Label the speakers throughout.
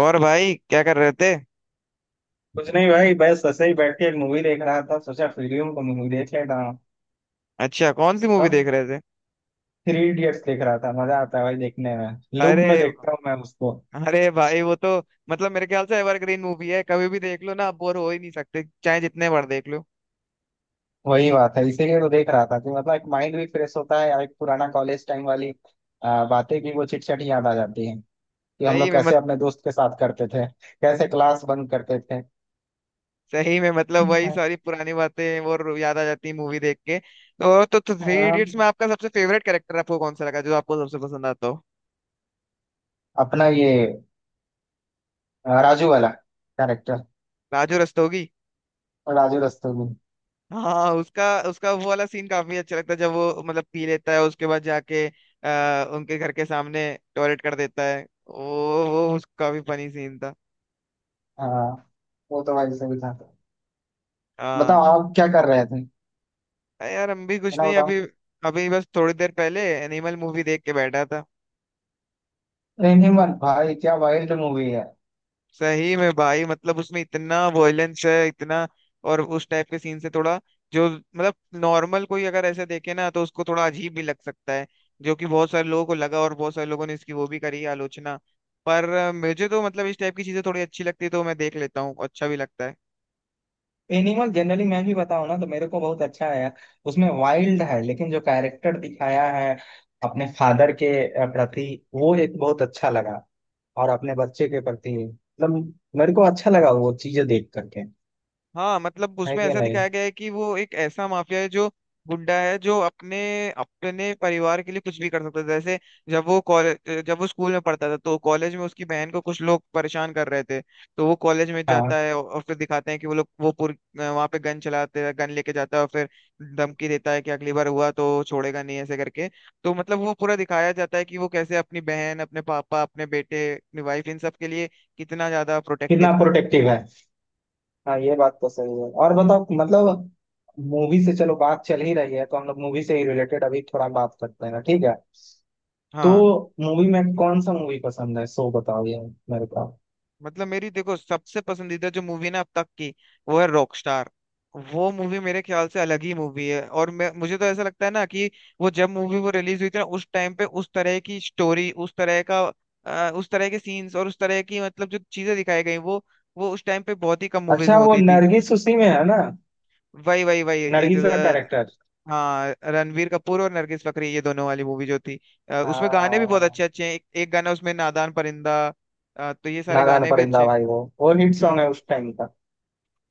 Speaker 1: और भाई क्या कर रहे थे।
Speaker 2: कुछ नहीं भाई बस ऐसे ही बैठ के एक मूवी देख रहा था सोचा फिल्म को मूवी देख लेता हूँ।
Speaker 1: अच्छा कौन सी मूवी
Speaker 2: तब
Speaker 1: देख रहे थे?
Speaker 2: थ्री इडियट्स देख रहा था मजा आता है भाई देखने में। लूप
Speaker 1: अरे,
Speaker 2: में देखता हूँ मैं उसको।
Speaker 1: अरे भाई वो तो मेरे ख्याल से एवरग्रीन मूवी है, कभी भी देख लो ना, आप बोर हो ही नहीं सकते चाहे जितने बार देख लो।
Speaker 2: वही बात है इसीलिए तो देख रहा था कि मतलब एक माइंड भी फ्रेश होता है और एक पुराना कॉलेज टाइम वाली बातें भी वो चिट चट याद आ जाती हैं कि हम
Speaker 1: सही
Speaker 2: लोग
Speaker 1: में
Speaker 2: कैसे
Speaker 1: मत,
Speaker 2: अपने दोस्त के साथ करते थे कैसे क्लास बंक करते थे।
Speaker 1: सही में मतलब वही सारी पुरानी बातें और याद आ जाती है मूवी देख के। तो थ्री
Speaker 2: आ,
Speaker 1: इडियट्स में आपका सबसे फेवरेट कैरेक्टर आपको कौन सा लगा जो आपको सबसे पसंद आता हो?
Speaker 2: अपना ये राजू वाला कैरेक्टर।
Speaker 1: राजू रस्तोगी।
Speaker 2: राजू रस्तोगी।
Speaker 1: हाँ, उसका उसका वो वाला सीन काफी अच्छा लगता है, जब वो मतलब पी लेता है उसके बाद जाके उनके घर के सामने टॉयलेट कर देता है। वो उसका भी फनी सीन था।
Speaker 2: हाँ वो तो भाई सही था। बताओ
Speaker 1: हाँ,
Speaker 2: आप क्या कर रहे थे।
Speaker 1: अरे यार, हम भी कुछ
Speaker 2: मैं
Speaker 1: नहीं
Speaker 2: बताऊं।
Speaker 1: अभी। अभी बस थोड़ी देर पहले एनिमल मूवी देख के बैठा था।
Speaker 2: एनिमल भाई क्या वाइल्ड मूवी है।
Speaker 1: सही में भाई, मतलब उसमें इतना वॉयलेंस है, इतना। और उस टाइप के सीन से थोड़ा, जो मतलब नॉर्मल कोई अगर ऐसे देखे ना तो उसको थोड़ा अजीब भी लग सकता है, जो कि बहुत सारे लोगों को लगा और बहुत सारे लोगों ने इसकी वो भी करी आलोचना। पर मुझे तो मतलब इस टाइप की चीजें थोड़ी अच्छी लगती है तो मैं देख लेता हूँ, अच्छा भी लगता है।
Speaker 2: एनिमल जनरली मैं भी बताऊं ना तो मेरे को बहुत अच्छा आया। उसमें वाइल्ड है लेकिन जो कैरेक्टर दिखाया है अपने फादर के प्रति वो एक बहुत अच्छा लगा। और अपने बच्चे के प्रति मतलब मेरे को अच्छा लगा वो चीजें देख करके।
Speaker 1: हाँ मतलब
Speaker 2: है
Speaker 1: उसमें
Speaker 2: कि
Speaker 1: ऐसा
Speaker 2: नहीं।
Speaker 1: दिखाया गया है कि वो एक ऐसा माफिया है, जो गुंडा है, जो अपने अपने परिवार के लिए कुछ भी कर सकता था। जैसे जब वो कॉलेज, जब वो स्कूल में पढ़ता था तो कॉलेज में उसकी बहन को कुछ लोग परेशान कर रहे थे, तो वो कॉलेज में जाता
Speaker 2: हाँ
Speaker 1: है और फिर दिखाते हैं कि वो लोग वो पुर वहां पे गन चलाते हैं, गन लेके जाता है और फिर धमकी देता है कि अगली बार हुआ तो छोड़ेगा नहीं, ऐसे करके। तो मतलब वो पूरा दिखाया जाता है कि वो कैसे अपनी बहन, अपने पापा, अपने बेटे, अपनी वाइफ, इन सब के लिए कितना ज्यादा प्रोटेक्टिव
Speaker 2: कितना
Speaker 1: था।
Speaker 2: प्रोटेक्टिव है। हाँ ये बात तो सही है और बताओ मतलब मूवी से चलो बात चल ही रही है तो हम लोग मूवी से ही रिलेटेड अभी थोड़ा बात करते हैं ठीक है। तो
Speaker 1: हाँ
Speaker 2: मूवी में कौन सा मूवी पसंद है सो बताओ यार मेरे को।
Speaker 1: मतलब मेरी देखो सबसे पसंदीदा जो मूवी ना अब तक की, वो है रॉकस्टार। वो मूवी मेरे ख्याल से अलग ही मूवी है, और मैं मुझे तो ऐसा लगता है ना कि वो जब मूवी वो रिलीज हुई थी ना उस टाइम पे उस तरह की स्टोरी, उस तरह का उस तरह के सीन्स और उस तरह की मतलब जो चीजें दिखाई गई, वो उस टाइम पे बहुत ही कम मूवीज
Speaker 2: अच्छा
Speaker 1: में
Speaker 2: वो
Speaker 1: होती थी।
Speaker 2: नरगिस उसी में है ना।
Speaker 1: वही वही वही एक,
Speaker 2: नरगिस का
Speaker 1: अ,
Speaker 2: कैरेक्टर।
Speaker 1: हाँ रणवीर कपूर और नरगिस फकरी ये दोनों वाली मूवी जो थी, उसमें गाने भी बहुत
Speaker 2: हाँ।
Speaker 1: अच्छे अच्छे हैं। एक गाना उसमें नादान परिंदा, तो ये सारे
Speaker 2: नादान
Speaker 1: गाने भी अच्छे
Speaker 2: परिंदा
Speaker 1: हैं।
Speaker 2: भाई वो हिट सॉन्ग
Speaker 1: हम्म।
Speaker 2: है उस टाइम का।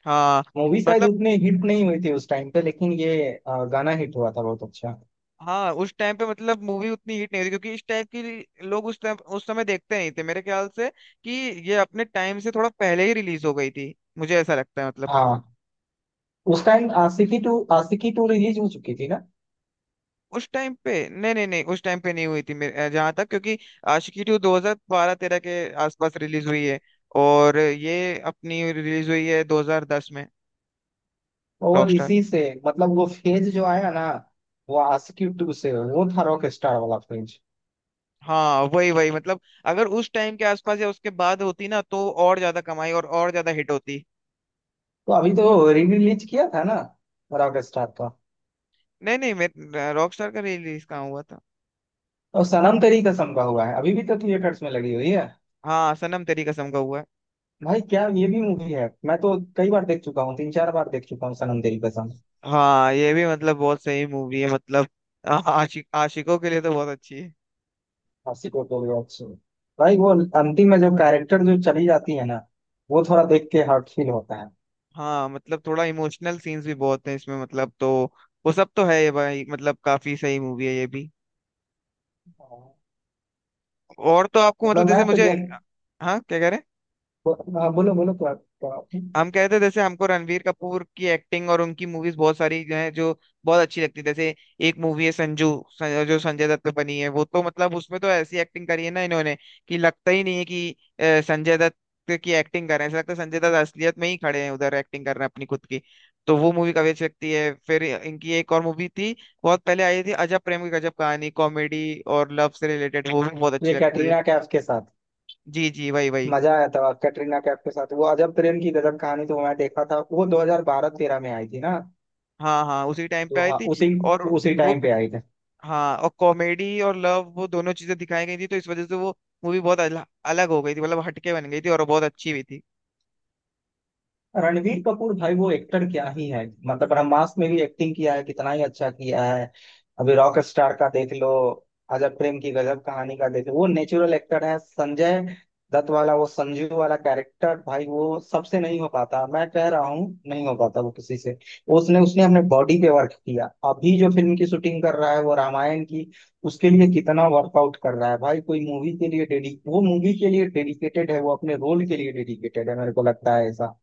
Speaker 1: हाँ
Speaker 2: मूवी शायद
Speaker 1: मतलब,
Speaker 2: उतनी हिट नहीं हुई थी उस टाइम पे लेकिन ये गाना हिट हुआ था बहुत अच्छा।
Speaker 1: हाँ उस टाइम पे मतलब मूवी उतनी हिट नहीं हुई थी, क्योंकि इस टाइप की लोग उस टाइम उस समय देखते नहीं थे मेरे ख्याल से। कि ये अपने टाइम से थोड़ा पहले ही रिलीज हो गई थी, मुझे ऐसा लगता है मतलब।
Speaker 2: हाँ उस टाइम आशिकी टू रिलीज हो चुकी थी ना।
Speaker 1: उस टाइम पे नहीं, नहीं नहीं, उस टाइम पे नहीं हुई थी मेरे जहाँ तक, क्योंकि आशिकी टू 2012-13 के आसपास रिलीज हुई है, और ये अपनी रिलीज हुई है 2010 में।
Speaker 2: और
Speaker 1: रॉकस्टार।
Speaker 2: इसी से मतलब वो फेज जो आया ना वो आशिकी टू से वो था रॉक स्टार वाला फेज।
Speaker 1: हाँ वही वही मतलब अगर उस टाइम के आसपास या उसके बाद होती ना तो और ज्यादा कमाई और ज्यादा हिट होती।
Speaker 2: तो अभी तो री रिलीज किया था ना रॉक स्टार का।
Speaker 1: नहीं नहीं, मैं रॉकस्टार का रिलीज कहाँ हुआ था।
Speaker 2: और सनम तेरी कसम का हुआ है अभी भी तो थिएटर्स में लगी हुई है।
Speaker 1: हाँ सनम तेरी कसम का हुआ है।
Speaker 2: भाई क्या ये भी मूवी है मैं तो कई बार देख चुका हूँ तीन चार बार देख चुका हूँ सनम तेरी कसम।
Speaker 1: हाँ ये भी मतलब बहुत सही मूवी है मतलब, आशिक आशिकों के लिए तो बहुत अच्छी है।
Speaker 2: हंसी कोटोरिया से। भाई वो अंतिम में जो कैरेक्टर जो चली जाती है ना वो थोड़ा देख के हार्ट फील होता है।
Speaker 1: हाँ मतलब थोड़ा इमोशनल सीन्स भी बहुत हैं इसमें, मतलब तो वो सब तो है ये भाई, मतलब काफी सही मूवी है ये भी।
Speaker 2: हाँ।
Speaker 1: और तो आपको
Speaker 2: मतलब
Speaker 1: मतलब
Speaker 2: मैं
Speaker 1: जैसे
Speaker 2: तो
Speaker 1: मुझे, हाँ क्या कह रहे हैं?
Speaker 2: हाँ, बोलो बोलो क्या क्या-।
Speaker 1: हम कहते जैसे हमको रणवीर कपूर की एक्टिंग और उनकी मूवीज बहुत सारी जो है जो बहुत अच्छी लगती है। जैसे एक मूवी है संजू, जो संजय दत्त पे बनी है, वो तो मतलब उसमें तो ऐसी एक्टिंग करी है ना इन्होंने, कि लगता ही नहीं है कि संजय दत्त की एक्टिंग कर रहे हैं, ऐसा लगता है संजय दत्त असलियत में ही खड़े हैं उधर एक्टिंग कर रहे हैं अपनी खुद की। तो वो मूवी काफी अच्छी लगती है। फिर इनकी एक और मूवी थी, बहुत पहले आई थी, अजब प्रेम की गजब कहानी, कॉमेडी और लव से रिलेटेड, वो भी बहुत अच्छी
Speaker 2: ये
Speaker 1: लगती है।
Speaker 2: कैटरीना कैफ के साथ।
Speaker 1: जी जी वही वही।
Speaker 2: मजा आया था कैटरीना कैफ के साथ वो अजब प्रेम की गजब कहानी तो मैं देखा था वो 2012-13 में आई थी ना।
Speaker 1: हाँ हाँ उसी टाइम पे
Speaker 2: तो
Speaker 1: आई
Speaker 2: हाँ
Speaker 1: थी।
Speaker 2: उसी
Speaker 1: और
Speaker 2: उसी
Speaker 1: वो,
Speaker 2: टाइम पे आई थी।
Speaker 1: हाँ और कॉमेडी और लव वो दोनों चीजें दिखाई गई थी तो इस वजह से वो मूवी बहुत अलग हो गई थी, मतलब हटके बन गई थी और बहुत अच्छी भी थी।
Speaker 2: रणवीर कपूर भाई वो एक्टर क्या ही है मतलब ब्रह्मास्त्र में भी एक्टिंग किया है कितना ही अच्छा किया है। अभी रॉक स्टार का देख लो। अजब प्रेम की गजब कहानी का देख लो वो नेचुरल एक्टर है। संजय दत्त वाला वो संजू वाला कैरेक्टर भाई वो सबसे नहीं हो पाता मैं कह रहा हूँ नहीं हो पाता वो किसी से। उसने उसने अपने बॉडी पे वर्क किया। अभी जो फिल्म की शूटिंग कर रहा है वो रामायण की। उसके लिए कितना वर्कआउट कर रहा है भाई कोई मूवी के लिए डेडिक वो मूवी के लिए डेडिकेटेड है वो अपने रोल के लिए डेडिकेटेड है मेरे को लगता है ऐसा।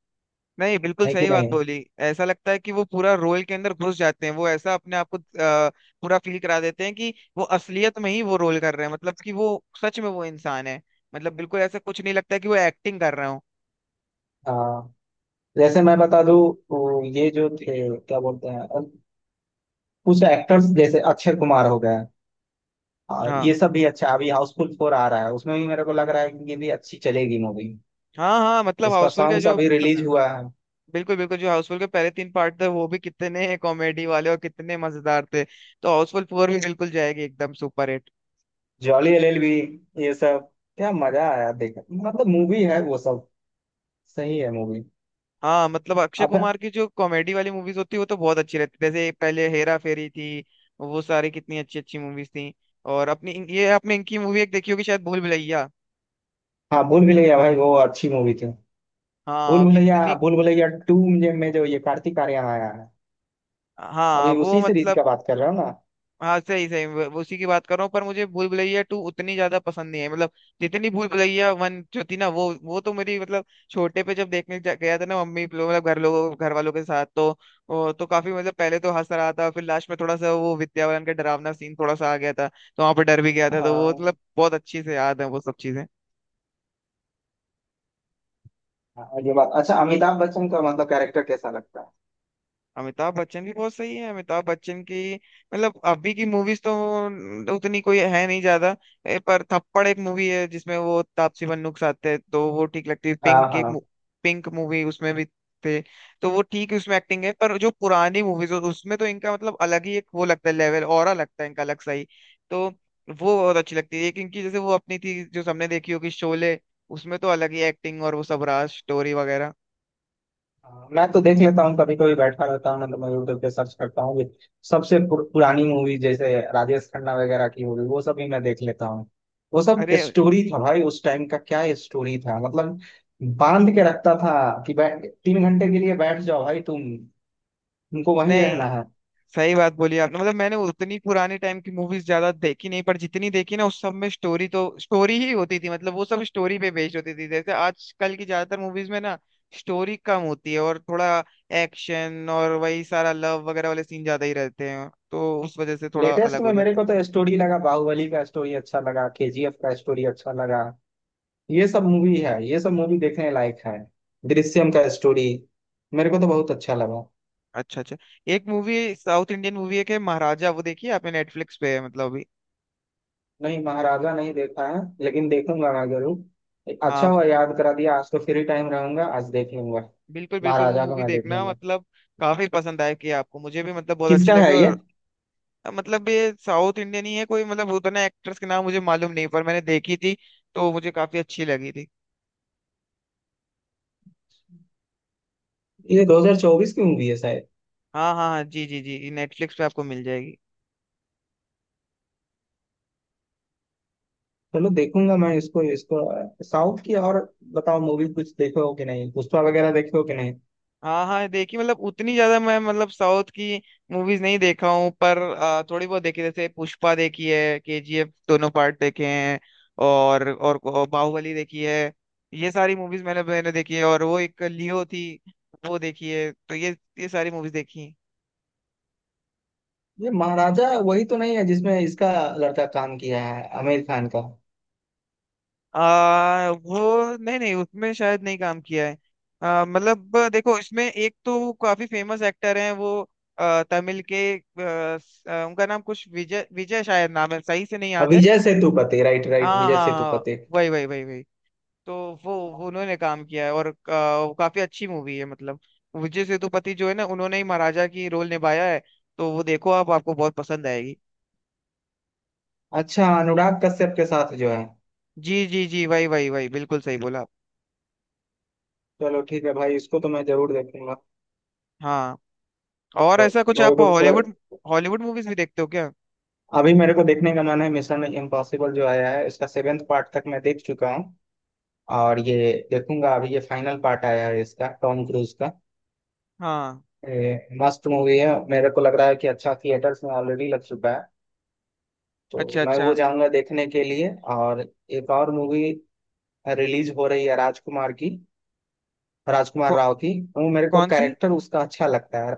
Speaker 1: नहीं बिल्कुल
Speaker 2: है कि
Speaker 1: सही बात
Speaker 2: नहीं।
Speaker 1: बोली। ऐसा लगता है कि वो पूरा रोल के अंदर घुस जाते हैं, वो ऐसा अपने आप को पूरा फील करा देते हैं कि वो असलियत में ही वो रोल कर रहे हैं, मतलब कि वो सच में वो इंसान है। मतलब बिल्कुल ऐसा कुछ नहीं लगता कि वो एक्टिंग कर रहे हो।
Speaker 2: हाँ जैसे मैं बता दूं वो ये जो थे क्या बोलते हैं कुछ एक्टर्स जैसे अक्षय कुमार हो गए और
Speaker 1: हाँ,
Speaker 2: ये सब भी अच्छा अभी हाउसफुल फोर आ रहा है उसमें भी मेरे को लग रहा है कि ये भी अच्छी चलेगी मूवी।
Speaker 1: हाँ हाँ मतलब
Speaker 2: इसका
Speaker 1: हाउसफुल के
Speaker 2: सॉन्ग्स
Speaker 1: जो,
Speaker 2: अभी रिलीज हुआ है।
Speaker 1: बिल्कुल बिल्कुल, जो हाउसफुल के पहले तीन पार्ट थे वो भी कितने कॉमेडी वाले और कितने मजेदार थे, तो हाउसफुल फोर भी बिल्कुल जाएगी एकदम सुपर हिट।
Speaker 2: जॉली एलएलबी ये सब क्या मजा आया देख मतलब मूवी है वो सब सही है मूवी।
Speaker 1: हाँ मतलब अक्षय कुमार
Speaker 2: अब
Speaker 1: की जो कॉमेडी वाली मूवीज होती है वो तो बहुत अच्छी रहती है, जैसे पहले हेरा फेरी थी, वो सारी कितनी अच्छी अच्छी मूवीज थी। और अपनी ये आपने इनकी मूवी एक देखी होगी शायद, भूल भुलैया।
Speaker 2: हाँ भूल भुलैया भाई वो अच्छी मूवी थी।
Speaker 1: हाँ कितनी,
Speaker 2: भूल भुलैया टू में जो ये कार्तिक आर्यन आया है
Speaker 1: हाँ
Speaker 2: अभी
Speaker 1: वो
Speaker 2: उसी सीरीज
Speaker 1: मतलब,
Speaker 2: का बात कर रहा हूँ ना।
Speaker 1: हाँ सही सही, वो उसी की बात कर रहा हूँ, पर मुझे भूल भुलैया टू उतनी ज्यादा पसंद नहीं है, मतलब जितनी भूल भुलैया वन जो थी ना, वो तो मेरी मतलब छोटे पे जब देखने गया था ना मम्मी लोग मतलब घर लोगों घर वालों के साथ, तो वो तो काफी मतलब पहले तो हंस रहा था फिर लास्ट में थोड़ा सा वो विद्या बालन का डरावना सीन थोड़ा सा आ गया था तो वहां पर डर भी गया था, तो वो
Speaker 2: हाँ
Speaker 1: मतलब बहुत अच्छी से याद है वो सब चीजें।
Speaker 2: हाँ, ये बात अच्छा अमिताभ बच्चन का मतलब कैरेक्टर कैसा लगता है।
Speaker 1: अमिताभ बच्चन भी बहुत सही है। अमिताभ बच्चन की मतलब अभी की मूवीज तो उतनी कोई है नहीं ज्यादा, पर थप्पड़ एक मूवी है जिसमें वो तापसी पन्नूक साथ है तो वो ठीक लगती है,
Speaker 2: हाँ
Speaker 1: पिंक एक
Speaker 2: हाँ
Speaker 1: पिंक मूवी उसमें भी थे, तो वो ठीक उसमें एक्टिंग है, पर जो पुरानी मूवीज उसमें तो इनका मतलब अलग ही एक वो लगता है, लेवल ऑरा लगता है इनका अलग सही। तो वो बहुत अच्छी लगती है एक इनकी, जैसे वो अपनी थी जो सबने देखी होगी शोले, उसमें तो अलग ही एक्टिंग और वो सब रहा स्टोरी वगैरह।
Speaker 2: हाँ, मैं तो देख लेता हूँ कभी कभी बैठा रहता हूँ मतलब मैं यूट्यूब पे सर्च करता हूँ भी। सबसे पुरानी मूवी जैसे राजेश खन्ना वगैरह की मूवी वो सब भी मैं देख लेता हूँ। वो सब
Speaker 1: अरे
Speaker 2: स्टोरी था भाई उस टाइम का क्या स्टोरी था मतलब बांध के रखता था कि बैठ 3 घंटे के लिए बैठ जाओ भाई तुमको वहीं रहना
Speaker 1: नहीं
Speaker 2: है।
Speaker 1: सही बात बोली आपने, मतलब मैंने उतनी पुराने टाइम की मूवीज ज्यादा देखी नहीं पर जितनी देखी ना उस सब में स्टोरी तो स्टोरी ही होती थी, मतलब वो सब स्टोरी पे बेस्ड होती थी। जैसे आजकल की ज्यादातर मूवीज में ना स्टोरी कम होती है और थोड़ा एक्शन और वही सारा लव वगैरह वाले सीन ज्यादा ही रहते हैं, तो उस वजह से थोड़ा
Speaker 2: लेटेस्ट
Speaker 1: अलग हो
Speaker 2: में मेरे
Speaker 1: जाते हैं।
Speaker 2: को तो स्टोरी लगा बाहुबली का स्टोरी अच्छा लगा केजीएफ का स्टोरी अच्छा लगा। ये सब मूवी है ये सब मूवी देखने लायक है। दृश्यम का स्टोरी मेरे को तो बहुत अच्छा लगा।
Speaker 1: अच्छा अच्छा। एक मूवी, साउथ इंडियन मूवी एक है महाराजा, वो देखिए आपने, नेटफ्लिक्स पे है मतलब अभी।
Speaker 2: नहीं महाराजा नहीं देखा है लेकिन देखूंगा मैं जरूर अच्छा
Speaker 1: हाँ
Speaker 2: हुआ याद करा दिया आज तो फ्री टाइम रहूंगा आज देख लूंगा।
Speaker 1: बिल्कुल बिल्कुल वो
Speaker 2: महाराजा को
Speaker 1: मूवी
Speaker 2: मैं देख
Speaker 1: देखना,
Speaker 2: लूंगा।
Speaker 1: मतलब काफी पसंद आया कि आपको, मुझे भी मतलब बहुत अच्छी
Speaker 2: किसका
Speaker 1: लगी।
Speaker 2: है ये
Speaker 1: और अब मतलब ये साउथ इंडियन ही है, कोई मतलब उतने एक्टर्स के नाम मुझे मालूम नहीं पर मैंने देखी थी तो मुझे काफी अच्छी लगी थी।
Speaker 2: ये 2024 की मूवी है शायद।
Speaker 1: हाँ हाँ हाँ, जी जी जी, नेटफ्लिक्स पे आपको मिल जाएगी।
Speaker 2: चलो देखूंगा मैं इसको इसको साउथ की और बताओ मूवी कुछ देखे हो कि नहीं पुष्पा वगैरह देखे हो कि नहीं।
Speaker 1: हाँ हाँ देखी, मतलब उतनी ज्यादा मैं मतलब साउथ की मूवीज नहीं देखा हूँ, पर थोड़ी बहुत देखी। जैसे पुष्पा देखी है, केजीएफ दोनों पार्ट देखे हैं, और बाहुबली देखी है। ये सारी मूवीज मैंने मैंने देखी है, और वो एक लियो थी वो देखी है, तो ये सारी मूवीज देखी हैं।
Speaker 2: ये महाराजा वही तो नहीं है जिसमें इसका लड़का काम किया है आमिर खान का।
Speaker 1: वो नहीं नहीं, उसमें शायद नहीं काम किया है। मतलब देखो, इसमें एक तो काफी फेमस एक्टर हैं वो, तमिल के उनका नाम कुछ विजय, विजय शायद नाम है, सही से नहीं
Speaker 2: अब
Speaker 1: याद है।
Speaker 2: विजय सेतुपति राइट राइट
Speaker 1: हाँ
Speaker 2: विजय
Speaker 1: हाँ हाँ,
Speaker 2: सेतुपति।
Speaker 1: वही वही वही वही। तो वो उन्होंने काम किया है और वो काफी अच्छी मूवी है, मतलब विजय सेतुपति जो है ना उन्होंने ही महाराजा की रोल निभाया है, तो वो देखो आप, आपको बहुत पसंद आएगी।
Speaker 2: अच्छा अनुराग कश्यप के साथ जो है।
Speaker 1: जी जी जी, वही वही वही बिल्कुल सही बोला आप।
Speaker 2: चलो ठीक है भाई इसको तो मैं जरूर देखूंगा।
Speaker 1: हाँ, और
Speaker 2: तो
Speaker 1: ऐसा कुछ
Speaker 2: मेरे
Speaker 1: आप
Speaker 2: को थोड़ा
Speaker 1: हॉलीवुड, हॉलीवुड मूवीज भी देखते हो क्या?
Speaker 2: अभी मेरे को देखने का मन है मिशन इम्पॉसिबल जो आया है इसका सेवेंथ पार्ट तक मैं देख चुका हूँ। और ये देखूंगा अभी ये फाइनल पार्ट आया है इसका टॉम क्रूज का।
Speaker 1: हाँ,
Speaker 2: ये मस्त मूवी है मेरे को लग रहा है कि अच्छा थिएटर्स में ऑलरेडी लग चुका है तो
Speaker 1: अच्छा
Speaker 2: मैं
Speaker 1: अच्छा।
Speaker 2: वो जाऊंगा देखने के लिए। और एक और मूवी रिलीज हो रही है राजकुमार की राजकुमार
Speaker 1: कौ,
Speaker 2: राव की वो मेरे को
Speaker 1: कौन सी?
Speaker 2: कैरेक्टर उसका अच्छा लगता है।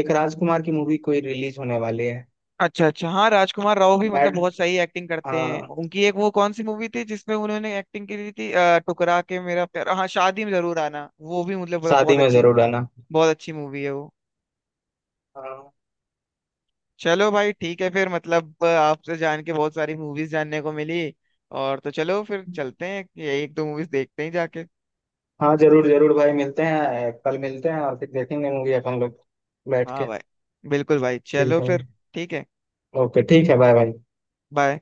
Speaker 2: एक राजकुमार की मूवी कोई रिलीज होने वाली है।
Speaker 1: अच्छा अच्छा, हाँ राजकुमार राव भी मतलब
Speaker 2: मैड
Speaker 1: बहुत सही एक्टिंग करते हैं।
Speaker 2: हाँ
Speaker 1: उनकी एक वो कौन सी मूवी थी जिसमें उन्होंने एक्टिंग की थी, टुकरा के मेरा प्यार, हाँ शादी में जरूर आना, वो भी मतलब बहुत
Speaker 2: शादी
Speaker 1: बहुत
Speaker 2: में
Speaker 1: अच्छी,
Speaker 2: जरूर आना।
Speaker 1: बहुत अच्छी मूवी है वो।
Speaker 2: हाँ
Speaker 1: चलो भाई ठीक है फिर, मतलब आपसे जान के बहुत सारी मूवीज जानने को मिली, और तो चलो फिर चलते हैं ये एक दो मूवीज देखते हैं जाके।
Speaker 2: हाँ जरूर जरूर भाई मिलते हैं कल मिलते हैं और फिर देखेंगे मूवी अपन लोग बैठ के।
Speaker 1: हाँ भाई बिल्कुल भाई,
Speaker 2: ठीक
Speaker 1: चलो
Speaker 2: है।
Speaker 1: फिर। ठीक है।
Speaker 2: ओके ठीक है बाय बाय।
Speaker 1: बाय।